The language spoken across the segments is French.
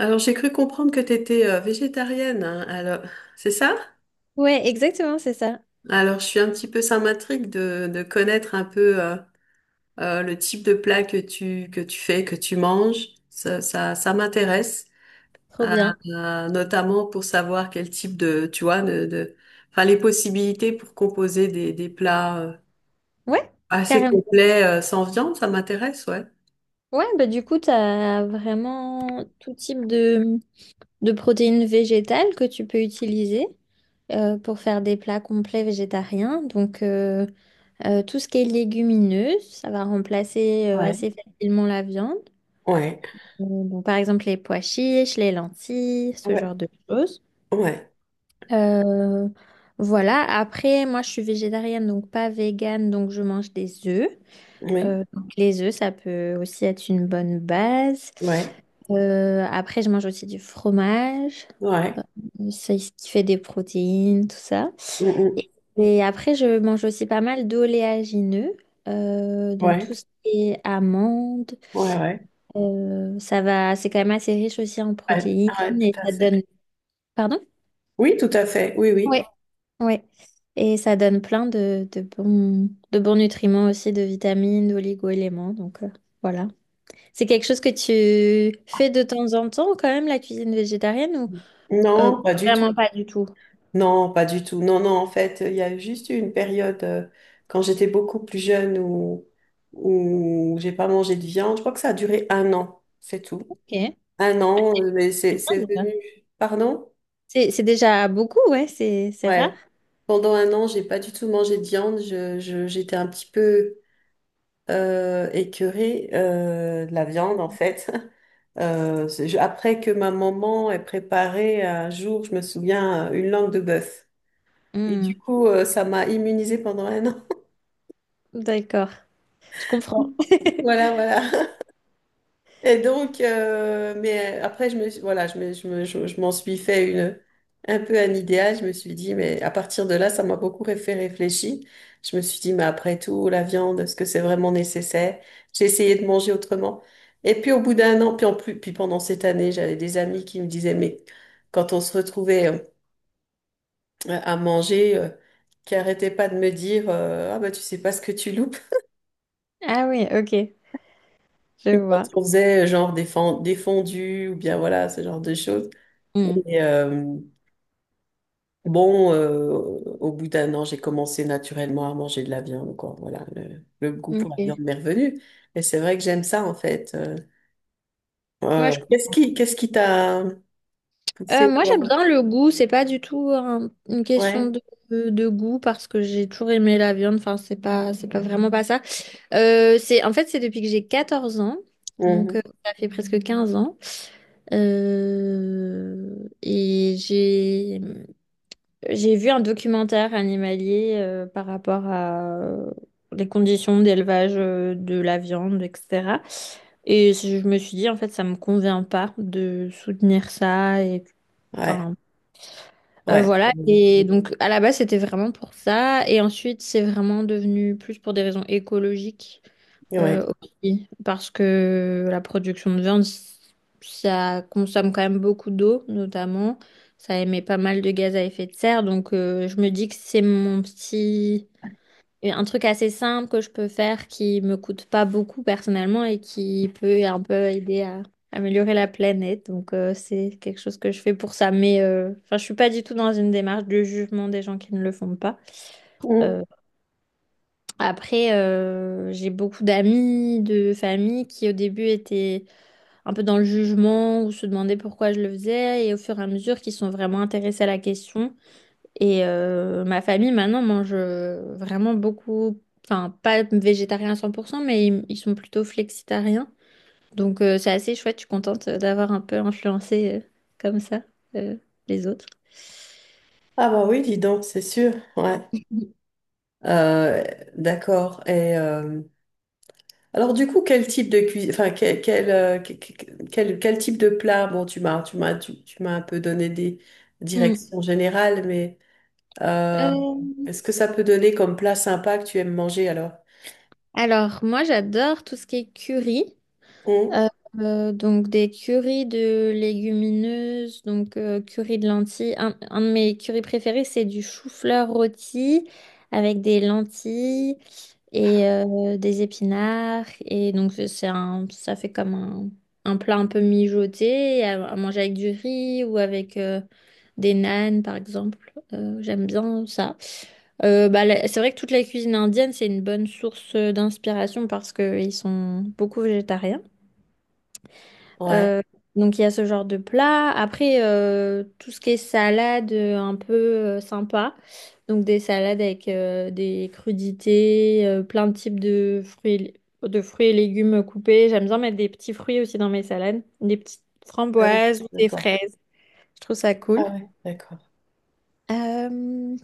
Alors, j'ai cru comprendre que tu étais végétarienne. Hein. Alors, c'est ça? Ouais, exactement, c'est ça. Alors, je suis un petit peu, ça m'intrigue de connaître un peu le type de plat que tu fais, que tu manges. Ça m'intéresse, Trop euh, bien. Notamment pour savoir quel type de, tu vois, enfin, les possibilités pour composer des plats Ouais, assez carrément. complets sans viande, ça m'intéresse, ouais. Ouais, bah du coup, tu as vraiment tout type de protéines végétales que tu peux utiliser pour faire des plats complets végétariens. Donc, tout ce qui est légumineux, ça va remplacer assez facilement la viande. Donc, par exemple, les pois chiches, les lentilles, ce genre Ouais, de choses. ouais, Euh, voilà, après, moi, je suis végétarienne, donc pas végane, donc je mange des œufs. oui, Donc les œufs, ça peut aussi être une bonne base. ouais, Après, je mange aussi du fromage, ouais, c'est ce qui fait des protéines, tout ça. mm, mm, Et, et après, je mange aussi pas mal d'oléagineux, donc ouais, tout ce qui est amandes, ouais, ouais, ça va, c'est quand même assez riche aussi en ouais, protéines ouais, et tout à ça fait. donne, pardon? Oui, tout à fait. Oui, oui. Ouais, ouais. Et ça donne plein de bons nutriments aussi, de vitamines, d'oligo-éléments, donc voilà. C'est quelque chose que tu fais de temps en temps quand même, la cuisine végétarienne, ou euh, Non, pas du tout. vraiment pas du tout? Non, pas du tout. Non, non, en fait, il y a juste eu une période quand j'étais beaucoup plus jeune où j'ai pas mangé de viande. Je crois que ça a duré un an, c'est tout. Ok, c'est Un an, mais c'est, bien c'est venu. déjà. Pardon? C'est déjà beaucoup, ouais, c'est rare. Ouais. Pendant un an, j'ai pas du tout mangé de viande. J'étais un petit peu écœurée de la viande, en fait. Après que ma maman ait préparé un jour, je me souviens, une langue de bœuf. Et du Hmm. coup, ça m'a immunisée pendant un an. D'accord, je comprends. Voilà, voilà. Et donc, mais après, voilà, je m'en suis fait une, un peu un idéal. Je me suis dit, mais à partir de là, ça m'a beaucoup fait réfléchir. Je me suis dit, mais après tout, la viande, est-ce que c'est vraiment nécessaire? J'ai essayé de manger autrement. Et puis, au bout d'un an, puis en plus, puis pendant cette année, j'avais des amis qui me disaient, mais quand on se retrouvait à manger, qui arrêtaient pas de me dire, ah bah, tu sais pas ce que tu loupes. Ah oui, ok, je Et quand vois. on faisait genre des fondus ou bien voilà, ce genre de choses. Hmm. Et euh, bon, au bout d'un an, j'ai commencé naturellement à manger de la viande, quoi. Voilà, le goût pour la viande Ok. m'est revenu. Et c'est vrai que j'aime ça, en fait. Ouais, je qu'est-ce comprends. qui, qu'est-ce qui t'a Euh, poussé, moi, toi? j'aime bien le goût, c'est pas du tout une question Ouais. de, de goût parce que j'ai toujours aimé la viande, enfin, c'est pas vraiment pas ça. En fait, c'est depuis que j'ai 14 ans, donc Mhm. Ça fait presque 15 ans. Et j'ai vu un documentaire animalier par rapport à les conditions d'élevage de la viande, etc. Et je me suis dit, en fait, ça me convient pas de soutenir ça. Et, Ouais, enfin, ouais. voilà. Mhm. Et donc, à la base, c'était vraiment pour ça. Et ensuite, c'est vraiment devenu plus pour des raisons écologiques. Ouais. Aussi, parce que la production de viande, ça consomme quand même beaucoup d'eau, notamment. Ça émet pas mal de gaz à effet de serre. Donc, je me dis que c'est mon petit. Un truc assez simple que je peux faire qui me coûte pas beaucoup personnellement et qui peut un peu aider à améliorer la planète. Donc, c'est quelque chose que je fais pour ça. Mais enfin, je suis pas du tout dans une démarche de jugement des gens qui ne le font pas. Mhm. Euh, après, j'ai beaucoup d'amis, de famille qui au début étaient un peu dans le jugement ou se demandaient pourquoi je le faisais et au fur et à mesure qui sont vraiment intéressés à la question. Et ma famille maintenant mange vraiment beaucoup, enfin pas végétarien à 100%, mais ils sont plutôt flexitariens. Donc c'est assez chouette, je suis contente d'avoir un peu influencé comme ça euh, les autres. Ah bah oui, dis donc, c'est sûr. Ouais. Euh, d'accord. Alors du coup, quel type de cuisine, enfin quel, quel, que- quel, quel type de plat? Bon, tu m'as un peu donné des Mm. directions générales, mais euh, Euh, est-ce que ça peut donner comme plat sympa que tu aimes manger alors? alors moi j'adore tout ce qui est curry. Hum. Euh, donc des currys de légumineuses, donc curry de lentilles. Un de mes currys préférés, c'est du chou-fleur rôti avec des lentilles et des épinards. Et donc ça fait comme un plat un peu mijoté à manger avec du riz ou avec des nanes par exemple. J'aime bien ça. Bah, c'est vrai que toute la cuisine indienne, c'est une bonne source d'inspiration parce qu'ils sont beaucoup végétariens. Ouais. Euh, donc il y a ce genre de plat. Après, tout ce qui est salade un peu sympa. Donc des salades avec des crudités, plein de types de fruits et légumes coupés. J'aime bien mettre des petits fruits aussi dans mes salades, des petites Ah oui, framboises ou des d'accord. fraises. Je trouve ça cool. Ah ouais, d'accord. Euh,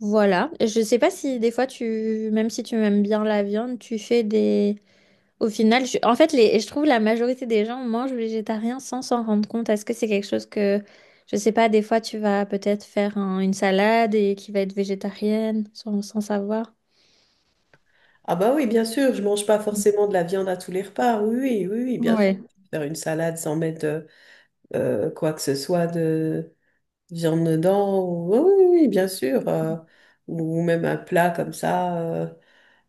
voilà. Je sais pas si des fois même si tu aimes bien la viande, tu fais des. Au final, en fait, je trouve la majorité des gens mangent végétarien sans s'en rendre compte. Est-ce que c'est quelque chose que, je sais pas, des fois tu vas peut-être faire une salade et qui va être végétarienne sans savoir? Ah bah oui, bien sûr, je mange pas forcément de la viande à tous les repas. Oui, oui, oui, oui, bien sûr. Ouais, Faire une salade sans mettre quoi que ce soit de viande dedans. Oui, oui, oui, bien sûr. Ou même un plat comme ça,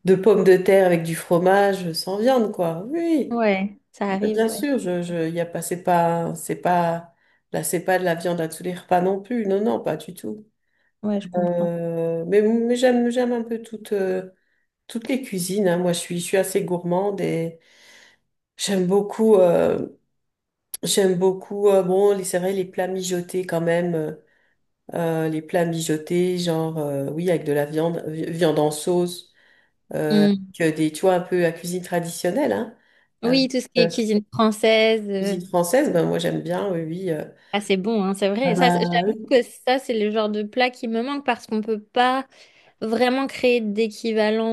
de pommes de terre avec du fromage sans viande, quoi. Oui, ouais, ça bah, arrive, bien ouais. sûr, je, y a pas, c'est pas, c'est pas, là, c'est pas de la viande à tous les repas non plus. Non, non, pas du tout. Ouais, je comprends. Mais j'aime un peu toutes les cuisines. Hein. Moi, je suis assez gourmande et j'aime beaucoup, euh, j'aime beaucoup, bon, c'est vrai, les plats mijotés quand même. Les plats mijotés, genre, oui, avec de la viande, viande en sauce. euh, Mm. Avec des, tu vois, un peu à cuisine traditionnelle, hein, avec Oui, tout ce qui est euh, cuisine française. Cuisine française, ben moi j'aime bien, oui, oui. Ah, c'est bon, hein, c'est Ah vrai. Ça, bah, j'avoue oui. que ça, c'est le genre de plat qui me manque parce qu'on peut pas vraiment créer d'équivalent.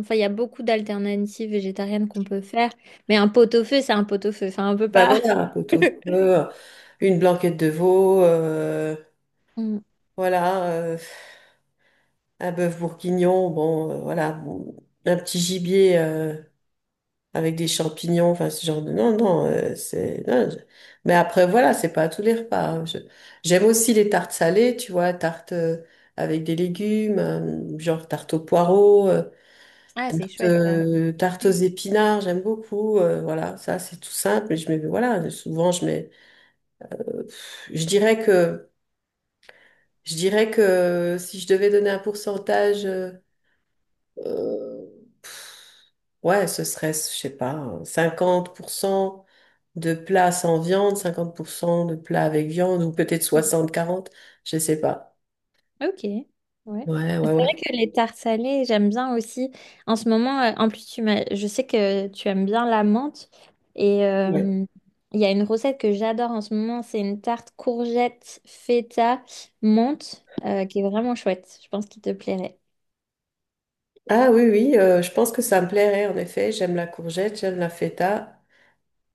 Enfin, il y a beaucoup d'alternatives végétariennes qu'on peut faire. Mais un pot-au-feu, c'est un pot-au-feu. Enfin, on peut Bah pas. voilà, un pot au feu, une blanquette de veau, Mm. voilà, un bœuf bourguignon, bon, voilà, bon, un petit gibier avec des champignons, enfin non, non, non, Mais après, voilà, c'est pas à tous les repas. Hein. J'aime aussi les tartes salées, tu vois, tartes, avec des légumes, genre tarte aux poireaux, Ah, c'est chouette, ça. Tarte aux épinards, j'aime beaucoup. Voilà, ça c'est tout simple, mais je mets, voilà, souvent je mets. euh, pff, je dirais que, je dirais que si je devais donner un pourcentage, euh, ouais, ce serait, je sais pas, hein, 50% de plats sans viande, 50% de plats avec viande, ou peut-être Mm. 60/40, je sais pas. Ok, ouais. Ouais, ouais, C'est ouais. vrai que les tartes salées, j'aime bien aussi. En ce moment, en plus, je sais que tu aimes bien la menthe. Et Ouais. euh, il y a une recette que j'adore en ce moment, c'est une tarte courgette, feta, menthe, qui est vraiment chouette. Je pense qu'il te plairait. Ah oui, oui, je pense que ça me plairait en effet. J'aime la courgette, j'aime la feta.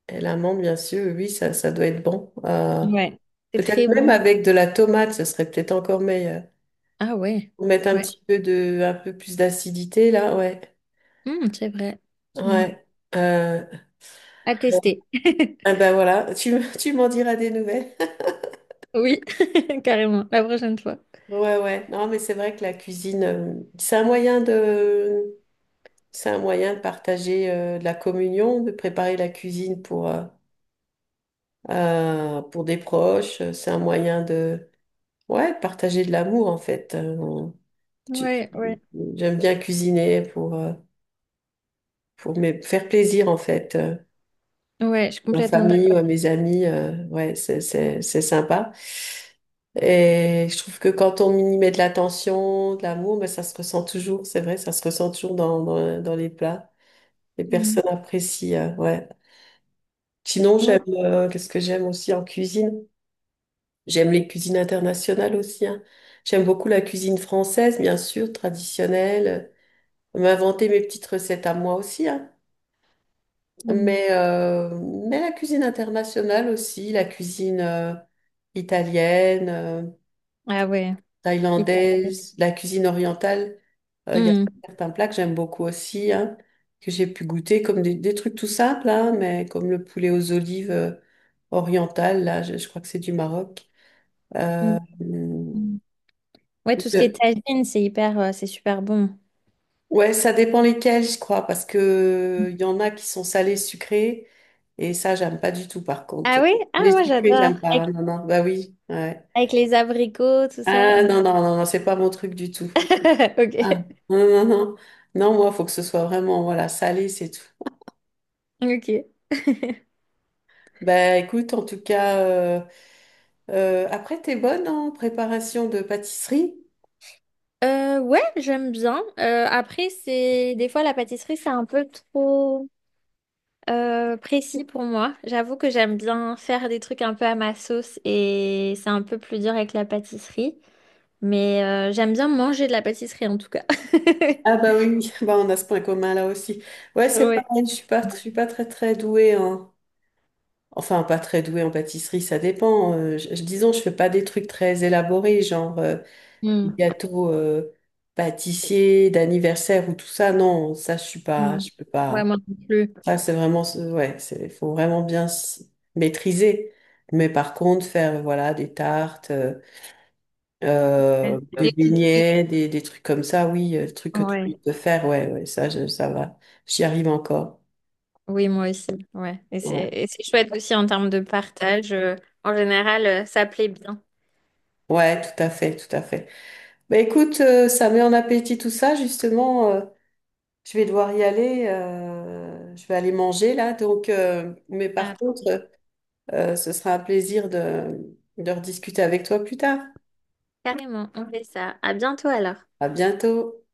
Et l'amande, bien sûr, oui, ça doit être bon. Ouais. C'est Peut-être très même bon. avec de la tomate, ce serait peut-être encore meilleur. Ah ouais, Pour mettre un ouais. petit peu de, un peu plus d'acidité, là, ouais. C'est vrai. Tiens. Ouais. Euh, À tester. ah ben voilà, tu m'en diras des nouvelles. Oui, carrément, la prochaine fois. Ouais, ouais. Non, mais c'est vrai que la cuisine, c'est un moyen de, c'est un moyen de partager de la communion, de préparer la cuisine pour des proches. C'est un moyen de, ouais, partager de l'amour, en fait. Tu- Ouais, ouais. J'aime bien cuisiner pour me faire plaisir en fait, Ouais, je suis ma complètement famille, ou à d'accord. mes amis, ouais, c'est sympa. Et je trouve que quand on y met de l'attention, de l'amour, ben, ça se ressent toujours, c'est vrai, ça se ressent toujours dans les plats. Les Mm. personnes apprécient, ouais. Sinon, Ouais. Qu'est-ce que j'aime aussi en cuisine? J'aime les cuisines internationales aussi, hein. J'aime beaucoup la cuisine française, bien sûr, traditionnelle. M'inventer mes petites recettes à moi aussi, hein. Mmh. Mais, euh, mais la cuisine internationale aussi, la cuisine italienne, Ah ouais. Italienne. thaïlandaise, la cuisine orientale, il y a Hmm. certains plats que j'aime beaucoup aussi, hein, que j'ai pu goûter, comme des trucs tout simples, hein, mais comme le poulet aux olives oriental, là, je crois que c'est du Maroc. Hmm. Euh, Hmm. Ouais, tout ce qui est je- tagine, c'est hyper, c'est super bon. Ouais, ça dépend lesquels, je crois, parce que il y en a qui sont salés, sucrés, et ça, j'aime pas du tout, par Ah contre. oui? Ah, Les moi sucrés, j'adore. j'aime pas. Avec, Ah, non, non, bah oui, ouais. avec les abricots, tout ça. Ah, Ouais. non, non, non, non, c'est pas mon truc du tout. Ok. Ah, non, non, non. Non, moi, faut que ce soit vraiment, voilà, salé, c'est tout. Ok. Bah, écoute, en tout cas, après, t'es bonne hein, en préparation de pâtisserie? Ouais, j'aime bien. Après, c'est des fois la pâtisserie, c'est un peu trop précis pour moi. J'avoue que j'aime bien faire des trucs un peu à ma sauce et c'est un peu plus dur avec la pâtisserie. Mais j'aime bien manger de la pâtisserie en tout cas. Ah, bah oui, bah, on a ce point commun là aussi. Ouais, c'est pareil, je suis pas très, très douée, hein. Enfin, pas très douée en pâtisserie, ça dépend. Disons, je fais pas des trucs très élaborés, genre des Ouais. gâteaux pâtissiers d'anniversaire ou tout ça. Non, ça, je suis pas, Mm. je peux Ouais, pas. moi non plus. Ça, c'est vraiment, ouais, c'est, faut vraiment bien maîtriser. Mais par contre, faire, voilà, des tartes, Euh, des Les cookies. beignets, des trucs comme ça, oui, le truc que tu Ouais. peux faire, ouais, ouais, ça, ça va. J'y arrive encore. Oui, moi aussi. Ouais. Ouais. Et c'est chouette aussi en termes de partage. En général, ça plaît bien. Ouais, tout à fait, tout à fait. Bah écoute, ça met en appétit tout ça, justement, je vais devoir y aller, je vais aller manger là. Donc, mais Ah, par contre, ce sera un plaisir de rediscuter avec toi plus tard. carrément, on fait ça. À bientôt alors. À bientôt.